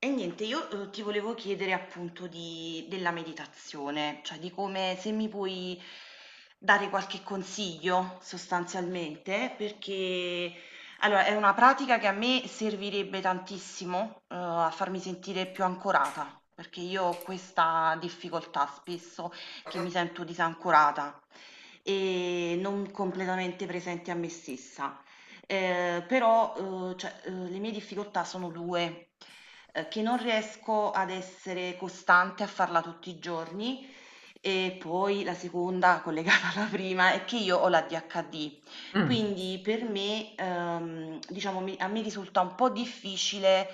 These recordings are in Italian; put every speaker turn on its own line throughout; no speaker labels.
E niente, io, ti volevo chiedere appunto di della meditazione, cioè di come se mi puoi dare qualche consiglio sostanzialmente, perché allora è una pratica che a me servirebbe tantissimo, a farmi sentire più ancorata, perché io ho questa difficoltà spesso che mi sento disancorata e non completamente presente a me stessa. Però, cioè, le mie difficoltà sono 2, che non riesco ad essere costante a farla tutti i giorni e poi la seconda, collegata alla prima, è che io ho l'ADHD.
Mm,
Quindi per me, diciamo mi a me risulta un po' difficile,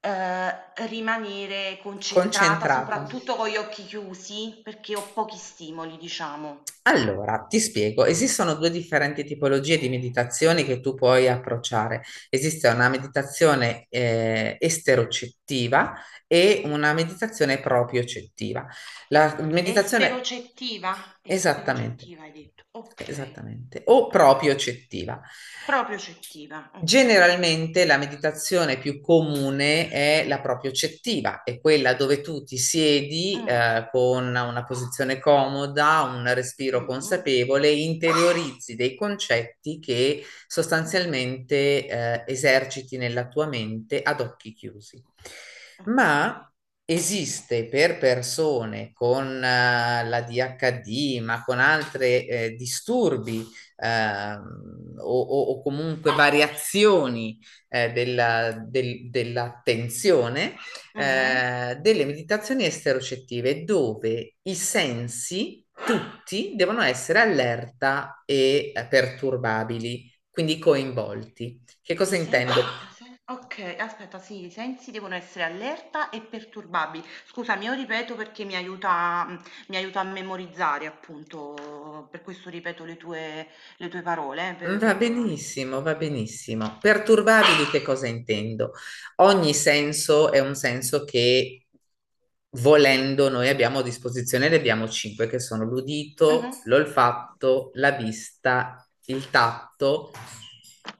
ehm, rimanere concentrata,
concentrata.
soprattutto con gli occhi chiusi, perché ho pochi stimoli, diciamo.
Allora, ti spiego, esistono due differenti tipologie di
Okay.
meditazioni che tu puoi approcciare. Esiste una
O
meditazione esterocettiva e una meditazione propriocettiva. La meditazione.
esterocettiva,
Esattamente,
esterocettiva hai detto, okay.
esattamente, o
Okay,
propriocettiva.
proprio cettiva, okay.
Generalmente la meditazione più comune è la propriocettiva, è quella dove tu ti siedi
Mm,
con una posizione comoda, un respiro
mm,
consapevole, interiorizzi dei concetti che sostanzialmente eserciti nella tua mente ad occhi chiusi. Ma
okay.
esiste per persone con la DHD, ma con altri disturbi o comunque variazioni dell'attenzione,
Mhm.
delle meditazioni esterocettive dove i sensi tutti devono essere allerta e perturbabili, quindi coinvolti. Che cosa
I sensi,
intendo?
okay, aspetta, sì, i sensi devono essere allerta e perturbabili, scusa, io ripeto perché mi aiuta, mi aiuta a memorizzare, appunto per questo ripeto le tue parole,
Va
perdonami.
benissimo, va benissimo. Perturbabili, che cosa intendo? Ogni senso è un senso che volendo noi abbiamo a disposizione, ne abbiamo cinque che sono l'udito,
Mhm.
l'olfatto, la vista, il tatto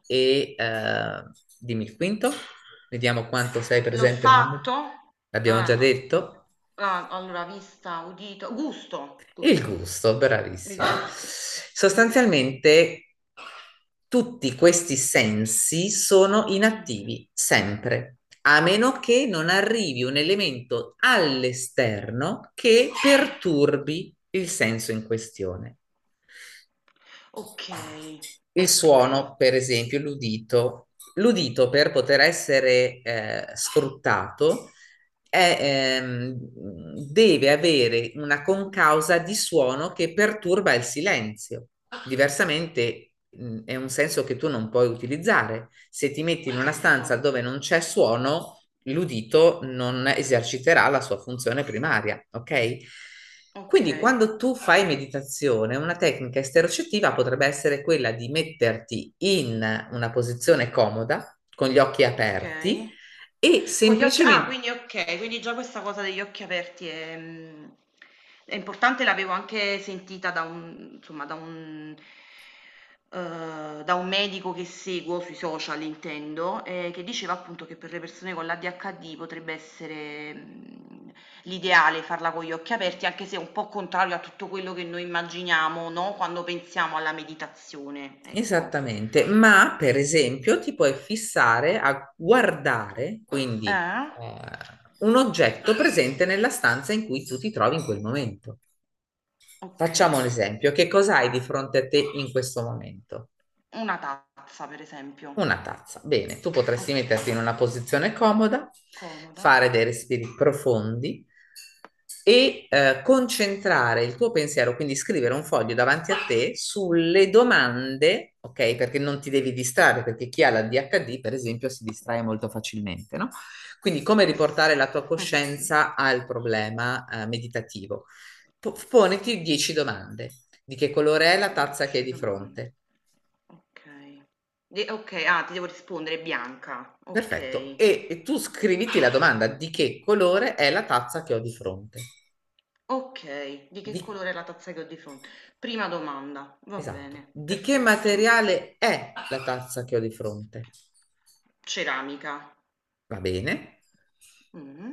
e dimmi il quinto. Vediamo quanto sei presente nel momento.
L'olfatto?
L'abbiamo già
Ah,
detto.
ah, allora vista, udito, gusto,
Il
gusto,
gusto,
il
bravissimo.
gusto.
Sostanzialmente tutti questi sensi sono
Mhm,
inattivi sempre, a meno che non arrivi un elemento all'esterno che
ok,
perturbi il senso in questione.
ok,
Il
ok,
suono, per esempio, l'udito. L'udito per poter essere sfruttato è, ehm, deve avere una concausa di suono che perturba il silenzio. Diversamente è un senso che tu non puoi utilizzare. Se ti metti in una
giusto.
stanza dove non c'è suono, l'udito non eserciterà la sua funzione primaria, ok?
Ok,
Quindi quando tu fai meditazione, una tecnica esterocettiva potrebbe essere quella di metterti in una posizione comoda, con gli occhi aperti
ok.
e
Con gli occhi, ah,
semplicemente.
quindi okay, quindi già questa cosa degli occhi aperti è, è importante, l'avevo anche sentita da un, insomma, da un, da un medico che seguo sui social, intendo, che diceva appunto che per le persone con l'ADHD potrebbe essere, l'ideale farla con gli occhi aperti, anche se è un po' contrario a tutto quello che noi immaginiamo, no, quando pensiamo alla meditazione, ecco.
Esattamente, ma per esempio ti puoi fissare a guardare, quindi
Eh?
un oggetto presente nella stanza in cui tu ti trovi in quel momento. Facciamo un
Okay.
esempio. Che cosa hai di fronte a te in questo momento?
Una tazza, per esempio.
Una tazza. Bene, tu potresti metterti in
Okay,
una posizione comoda,
comodo.
fare dei respiri profondi e concentrare il tuo pensiero, quindi scrivere un foglio davanti a te sulle domande, ok? Perché non ti devi distrarre, perché chi ha la DHD, per esempio, si distrae molto facilmente, no? Quindi come riportare
Yes.
la tua coscienza al problema meditativo? Poniti 10 domande. Di che colore è la tazza che hai
Dieci
di
domande.
fronte?
Okay. De okay, ah, ti devo rispondere, è bianca.
Perfetto.
Okay,
E tu scriviti la domanda: di che colore è la tazza che ho di fronte?
okay. Di che
Di.
colore è la tazza che ho di fronte? Prima domanda, va
Esatto.
bene,
Di che
perfetto.
materiale è la tazza che ho di fronte?
Ceramica.
Va bene.
Mh-mh.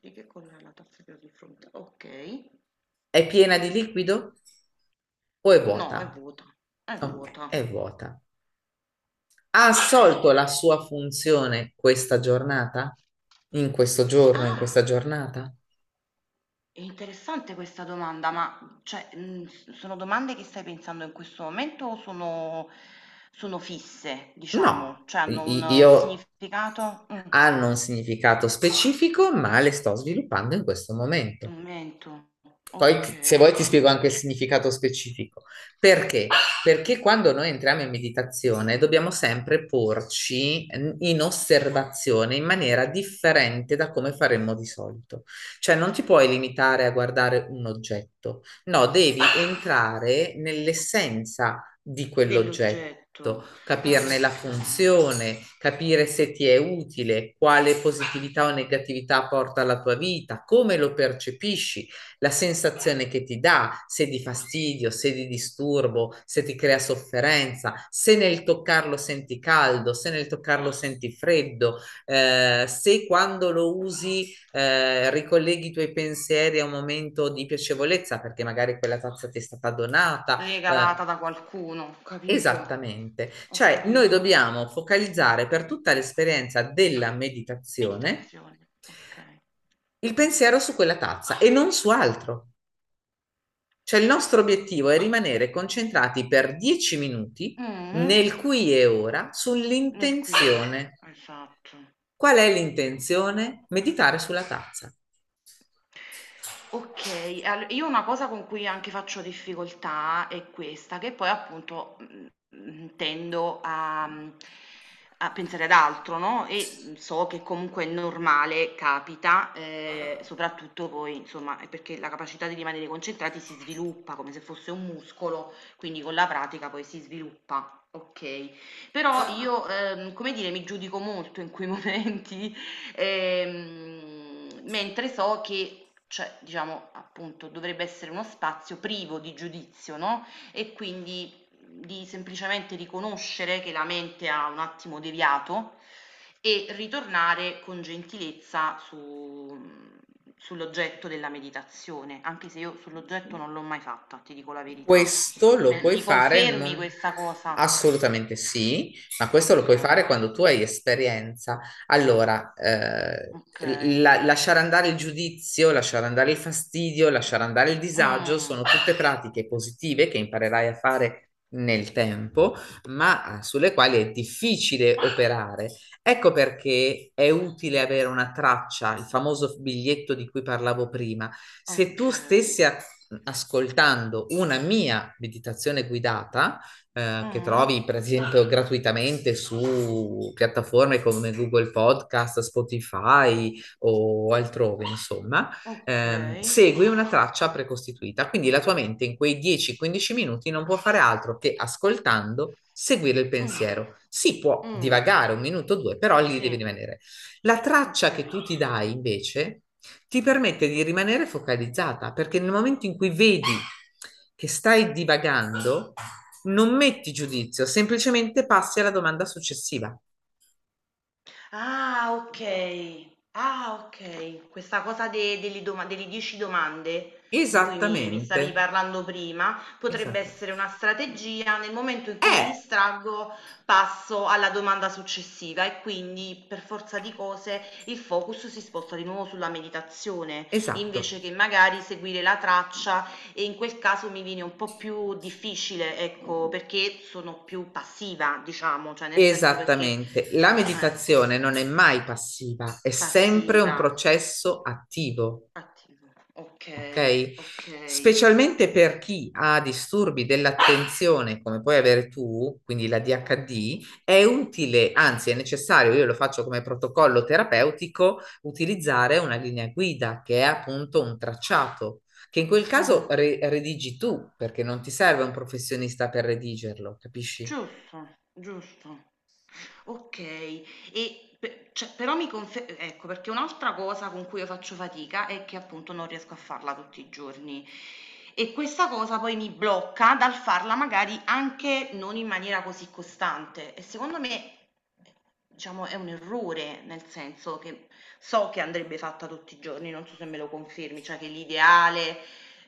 Di che colore è la tazza che ho di fronte? Okay.
È piena di liquido o è
No, è
vuota?
vuota, è
Ok,
vuota.
è vuota. Ha assolto
Okay.
la sua funzione questa giornata? In questo
Sì,
giorno, in questa
ah,
giornata?
è interessante questa domanda, ma cioè, s sono domande che stai pensando in questo momento o sono sono fisse,
No,
diciamo? Cioè
I-
hanno
i-
un
io
significato?
hanno un significato specifico, ma le sto sviluppando in questo momento.
Commento.
Poi se
Okay,
vuoi ti spiego anche il
okay.
significato specifico. Perché? Perché quando noi entriamo in meditazione dobbiamo sempre porci in osservazione in maniera differente da come faremmo di solito. Cioè non ti puoi limitare a guardare un oggetto, no, devi entrare nell'essenza di quell'oggetto.
Dell'oggetto. Ah,
Capirne la
okay.
funzione, capire se ti è utile, quale positività o negatività porta alla tua vita, come lo percepisci, la sensazione che ti dà, se di fastidio, se di disturbo, se ti crea sofferenza, se nel toccarlo senti caldo, se nel toccarlo senti freddo, se quando lo usi ricolleghi i tuoi pensieri a un momento di piacevolezza perché magari quella tazza ti è stata donata. eh,
Regalata da qualcuno, capito.
Esattamente,
Ho
cioè noi
capito.
dobbiamo focalizzare per tutta l'esperienza della meditazione
Meditazione, okay.
il pensiero su quella tazza e non su altro. Cioè il nostro obiettivo è rimanere concentrati per 10 minuti
Mh-mh,
nel qui e ora
nel qui e ora,
sull'intenzione.
esatto.
Qual è l'intenzione? Meditare sulla tazza.
Okay, al io una cosa con cui anche faccio difficoltà è questa, che poi appunto, tendo a, a pensare ad altro, no, e, so che comunque è normale, capita, soprattutto poi, insomma, è perché la capacità di rimanere concentrati si sviluppa come se fosse un muscolo, quindi con la pratica poi si sviluppa, okay. Però io, come dire, mi giudico molto in quei momenti. Mentre so che, cioè, diciamo, appunto, dovrebbe essere uno spazio privo di giudizio, no, e quindi di semplicemente riconoscere che la mente ha un attimo deviato e ritornare con gentilezza su, mhmm, sull'oggetto della meditazione, anche se io sull'oggetto non l'ho mai fatta, ti dico la verità.
Questo lo
Me
puoi
Mi
fare,
confermi questa cosa?
assolutamente sì, ma questo lo puoi fare
Okay,
quando tu hai esperienza. Allora,
okay.
lasciare andare il giudizio, lasciare andare il fastidio, lasciare andare il disagio
Mh.
sono tutte pratiche positive che imparerai a fare nel tempo, ma sulle quali è difficile operare. Ecco perché è utile avere una traccia, il famoso biglietto di cui parlavo prima. Se tu
Okay.
stessi a ascoltando una mia meditazione guidata che
Mh-mh,
trovi per esempio gratuitamente su piattaforme come Google Podcast, Spotify o altrove, insomma,
okay.
segui una traccia precostituita. Quindi la tua mente in quei 10-15 minuti non può fare altro che ascoltando seguire il
Mh.
pensiero. Si può
Mh.
divagare un minuto o due, però lì
Sì,
devi rimanere. La traccia che
okay.
tu ti dai invece ti permette di rimanere focalizzata, perché nel momento in cui vedi che stai divagando, non metti giudizio, semplicemente passi alla domanda successiva.
Ah, okay. Ah, okay. Questa cosa de delle doma delle 10 domande di cui mi
Esattamente,
stavi parlando prima, potrebbe essere
esattamente.
una strategia. Nel momento in cui mi
Eh,
distraggo, passo alla domanda successiva e quindi, per forza di cose, il focus si sposta di nuovo sulla meditazione, invece
esatto,
che magari seguire la traccia e in quel caso mi viene un po' più difficile, ecco, perché sono più passiva, diciamo, cioè nel senso perché
esattamente. La
ecco.
meditazione non è mai passiva, è sempre un
Passiva,
processo attivo.
attiva, okay,
Ok?
okay.
Specialmente per chi ha disturbi dell'attenzione, come puoi avere tu, quindi la DHD, è utile, anzi è necessario, io lo faccio come protocollo terapeutico, utilizzare una linea guida che è appunto un tracciato, che in quel caso
Mh.
redigi tu, perché non ti serve un professionista per redigerlo, capisci?
Giusto, giusto. Okay. E pe cioè però mi confe ecco, perché un'altra cosa con cui io faccio fatica è che appunto non riesco a farla tutti i giorni e questa cosa poi mi blocca dal farla magari anche non in maniera così costante e secondo me, diciamo, è un errore, nel senso che so che andrebbe fatta tutti i giorni, non so se me lo confermi, cioè che l'ideale,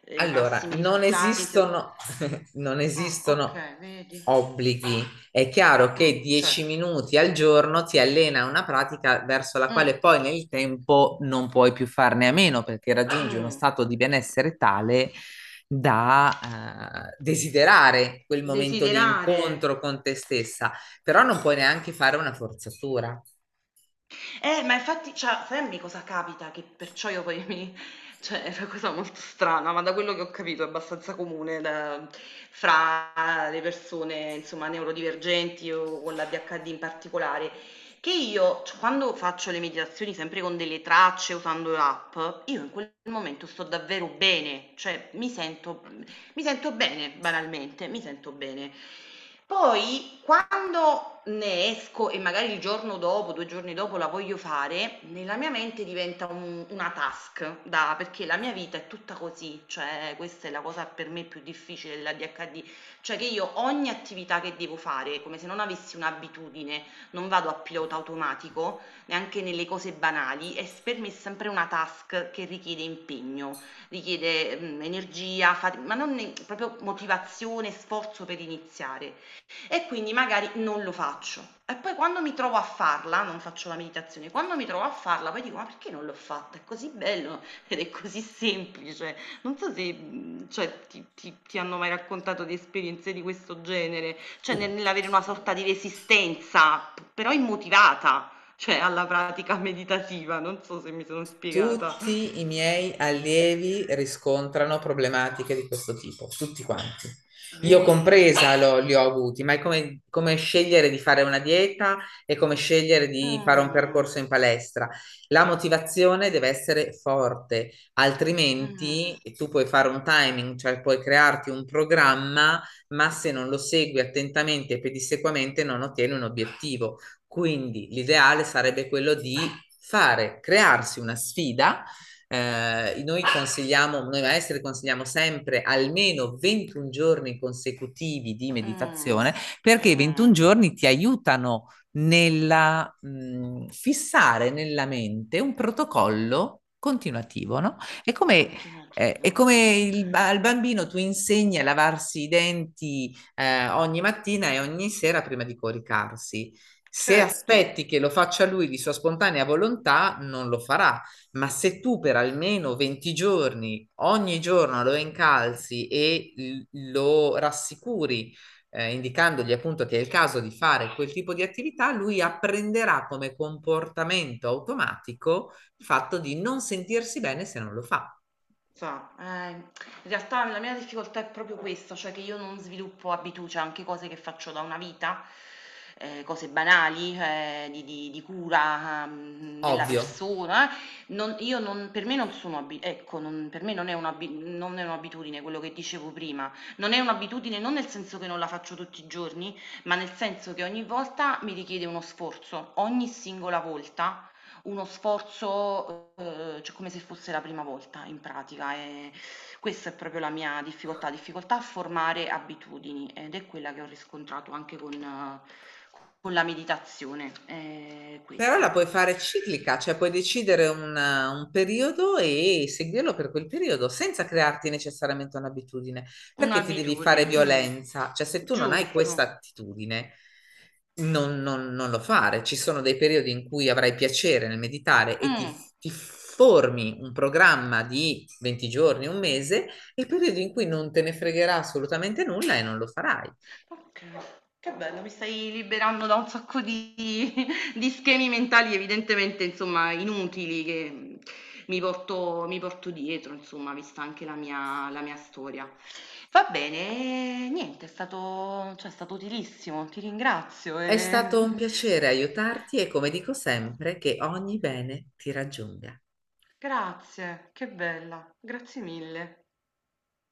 i
Allora,
massimi
non
risultati si o
esistono, non
ah,
esistono
okay, vedi.
obblighi. È chiaro che 10
Certo.
minuti al giorno ti allena a una pratica verso la
Mh.
quale poi nel tempo non puoi più farne a meno perché raggiungi uno
Mh.
stato di benessere tale da desiderare quel momento di
Desiderare.
incontro con te stessa, però non puoi neanche fare una forzatura.
Ma infatti, cioè, fammi, cosa capita che perciò io poi mi, cioè è una cosa molto strana, ma da quello che ho capito è abbastanza comune da fra le persone, insomma, neurodivergenti o con l'ADHD in particolare, che io c quando faccio le meditazioni sempre con delle tracce, usando l'app, io in quel momento sto davvero bene, cioè mi sento, mi sento bene, banalmente, mi sento bene. Poi quando ne esco e magari il giorno dopo, 2 giorni dopo la voglio fare, nella mia mente diventa un una task da perché la mia vita è tutta così, cioè questa è la cosa per me più difficile dell'ADHD, cioè che io ogni attività che devo fare, come se non avessi un'abitudine, non vado a pilota automatico, neanche nelle cose banali, è s per me è sempre una task che richiede impegno, richiede, energia, fati ma non ne proprio motivazione, sforzo per iniziare. E quindi magari non lo faccio. E poi quando mi trovo a farla, non faccio la meditazione, quando mi trovo a farla poi dico: "Ma perché non l'ho fatta? È così bello ed è così semplice". Non so se, cioè ti hanno mai raccontato di esperienze di questo genere, cioè
Tutti.
nell'avere una sorta di resistenza, p però immotivata, cioè alla pratica meditativa, non so se mi sono spiegata.
Tutti i miei allievi riscontrano problematiche di questo tipo, tutti quanti. Io
Vedi.
compresa li ho avuti, ma è come, come scegliere di fare una dieta e come scegliere di fare un percorso
Mh,
in palestra. La motivazione deve essere forte, altrimenti
mh,
tu puoi fare un timing, cioè puoi crearti un programma, ma se non lo segui attentamente e pedissequamente non ottieni un obiettivo. Quindi l'ideale sarebbe quello di fare, crearsi una sfida. Noi consigliamo, noi maestri consigliamo sempre almeno 21 giorni consecutivi di
mh,
meditazione perché i 21
mh.
giorni ti aiutano nella fissare nella mente un protocollo continuativo, no? È come eh,
Continuativo,
è come il,
okay.
al bambino tu insegni a lavarsi i denti ogni mattina e ogni sera prima di coricarsi. Se
Certo,
aspetti che lo faccia lui di sua spontanea volontà, non lo farà, ma se tu per almeno 20 giorni, ogni giorno lo incalzi e lo rassicuri, indicandogli appunto che è il caso di fare quel tipo di attività, lui apprenderà come comportamento automatico il fatto di non sentirsi bene se non lo fa.
sa, in realtà la mia difficoltà è proprio questa, cioè che io non sviluppo abitu cioè anche cose che faccio da una vita, cose banali, di cura, della
Ovvio.
persona, non io non per me non sono abi ecco, non per me non è un'abi non è un'abitudine quello che dicevo prima. Non è un'abitudine non nel senso che non la faccio tutti i giorni, ma nel senso che ogni volta mi richiede uno sforzo, ogni singola volta. Uno sforzo, cioè come se fosse la prima volta, in pratica, questa è proprio la mia difficoltà, difficoltà a formare abitudini ed è quella che ho riscontrato anche con la meditazione,
Però la
questo.
puoi fare ciclica, cioè puoi decidere un periodo e seguirlo per quel periodo senza crearti necessariamente un'abitudine, perché ti devi
Un'abitudine,
fare
mh.
violenza, cioè se tu non hai questa
Giusto.
attitudine, non lo fare. Ci sono dei periodi in cui avrai piacere nel meditare e ti,
Mh.
ti formi un programma di 20 giorni, un mese, e periodi in cui non te ne fregherà assolutamente nulla e non lo farai.
Okay, che bello, mi stai liberando da un sacco di di schemi mentali, evidentemente, insomma, inutili che, mi porto dietro, insomma, vista anche la mia storia. Va bene, niente, è stato, cioè è stato utilissimo, ti ringrazio,
È stato un
ehm.
piacere aiutarti e come dico sempre, che ogni bene ti raggiunga.
Grazie, che bella, grazie mille.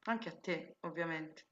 Anche a te, ovviamente.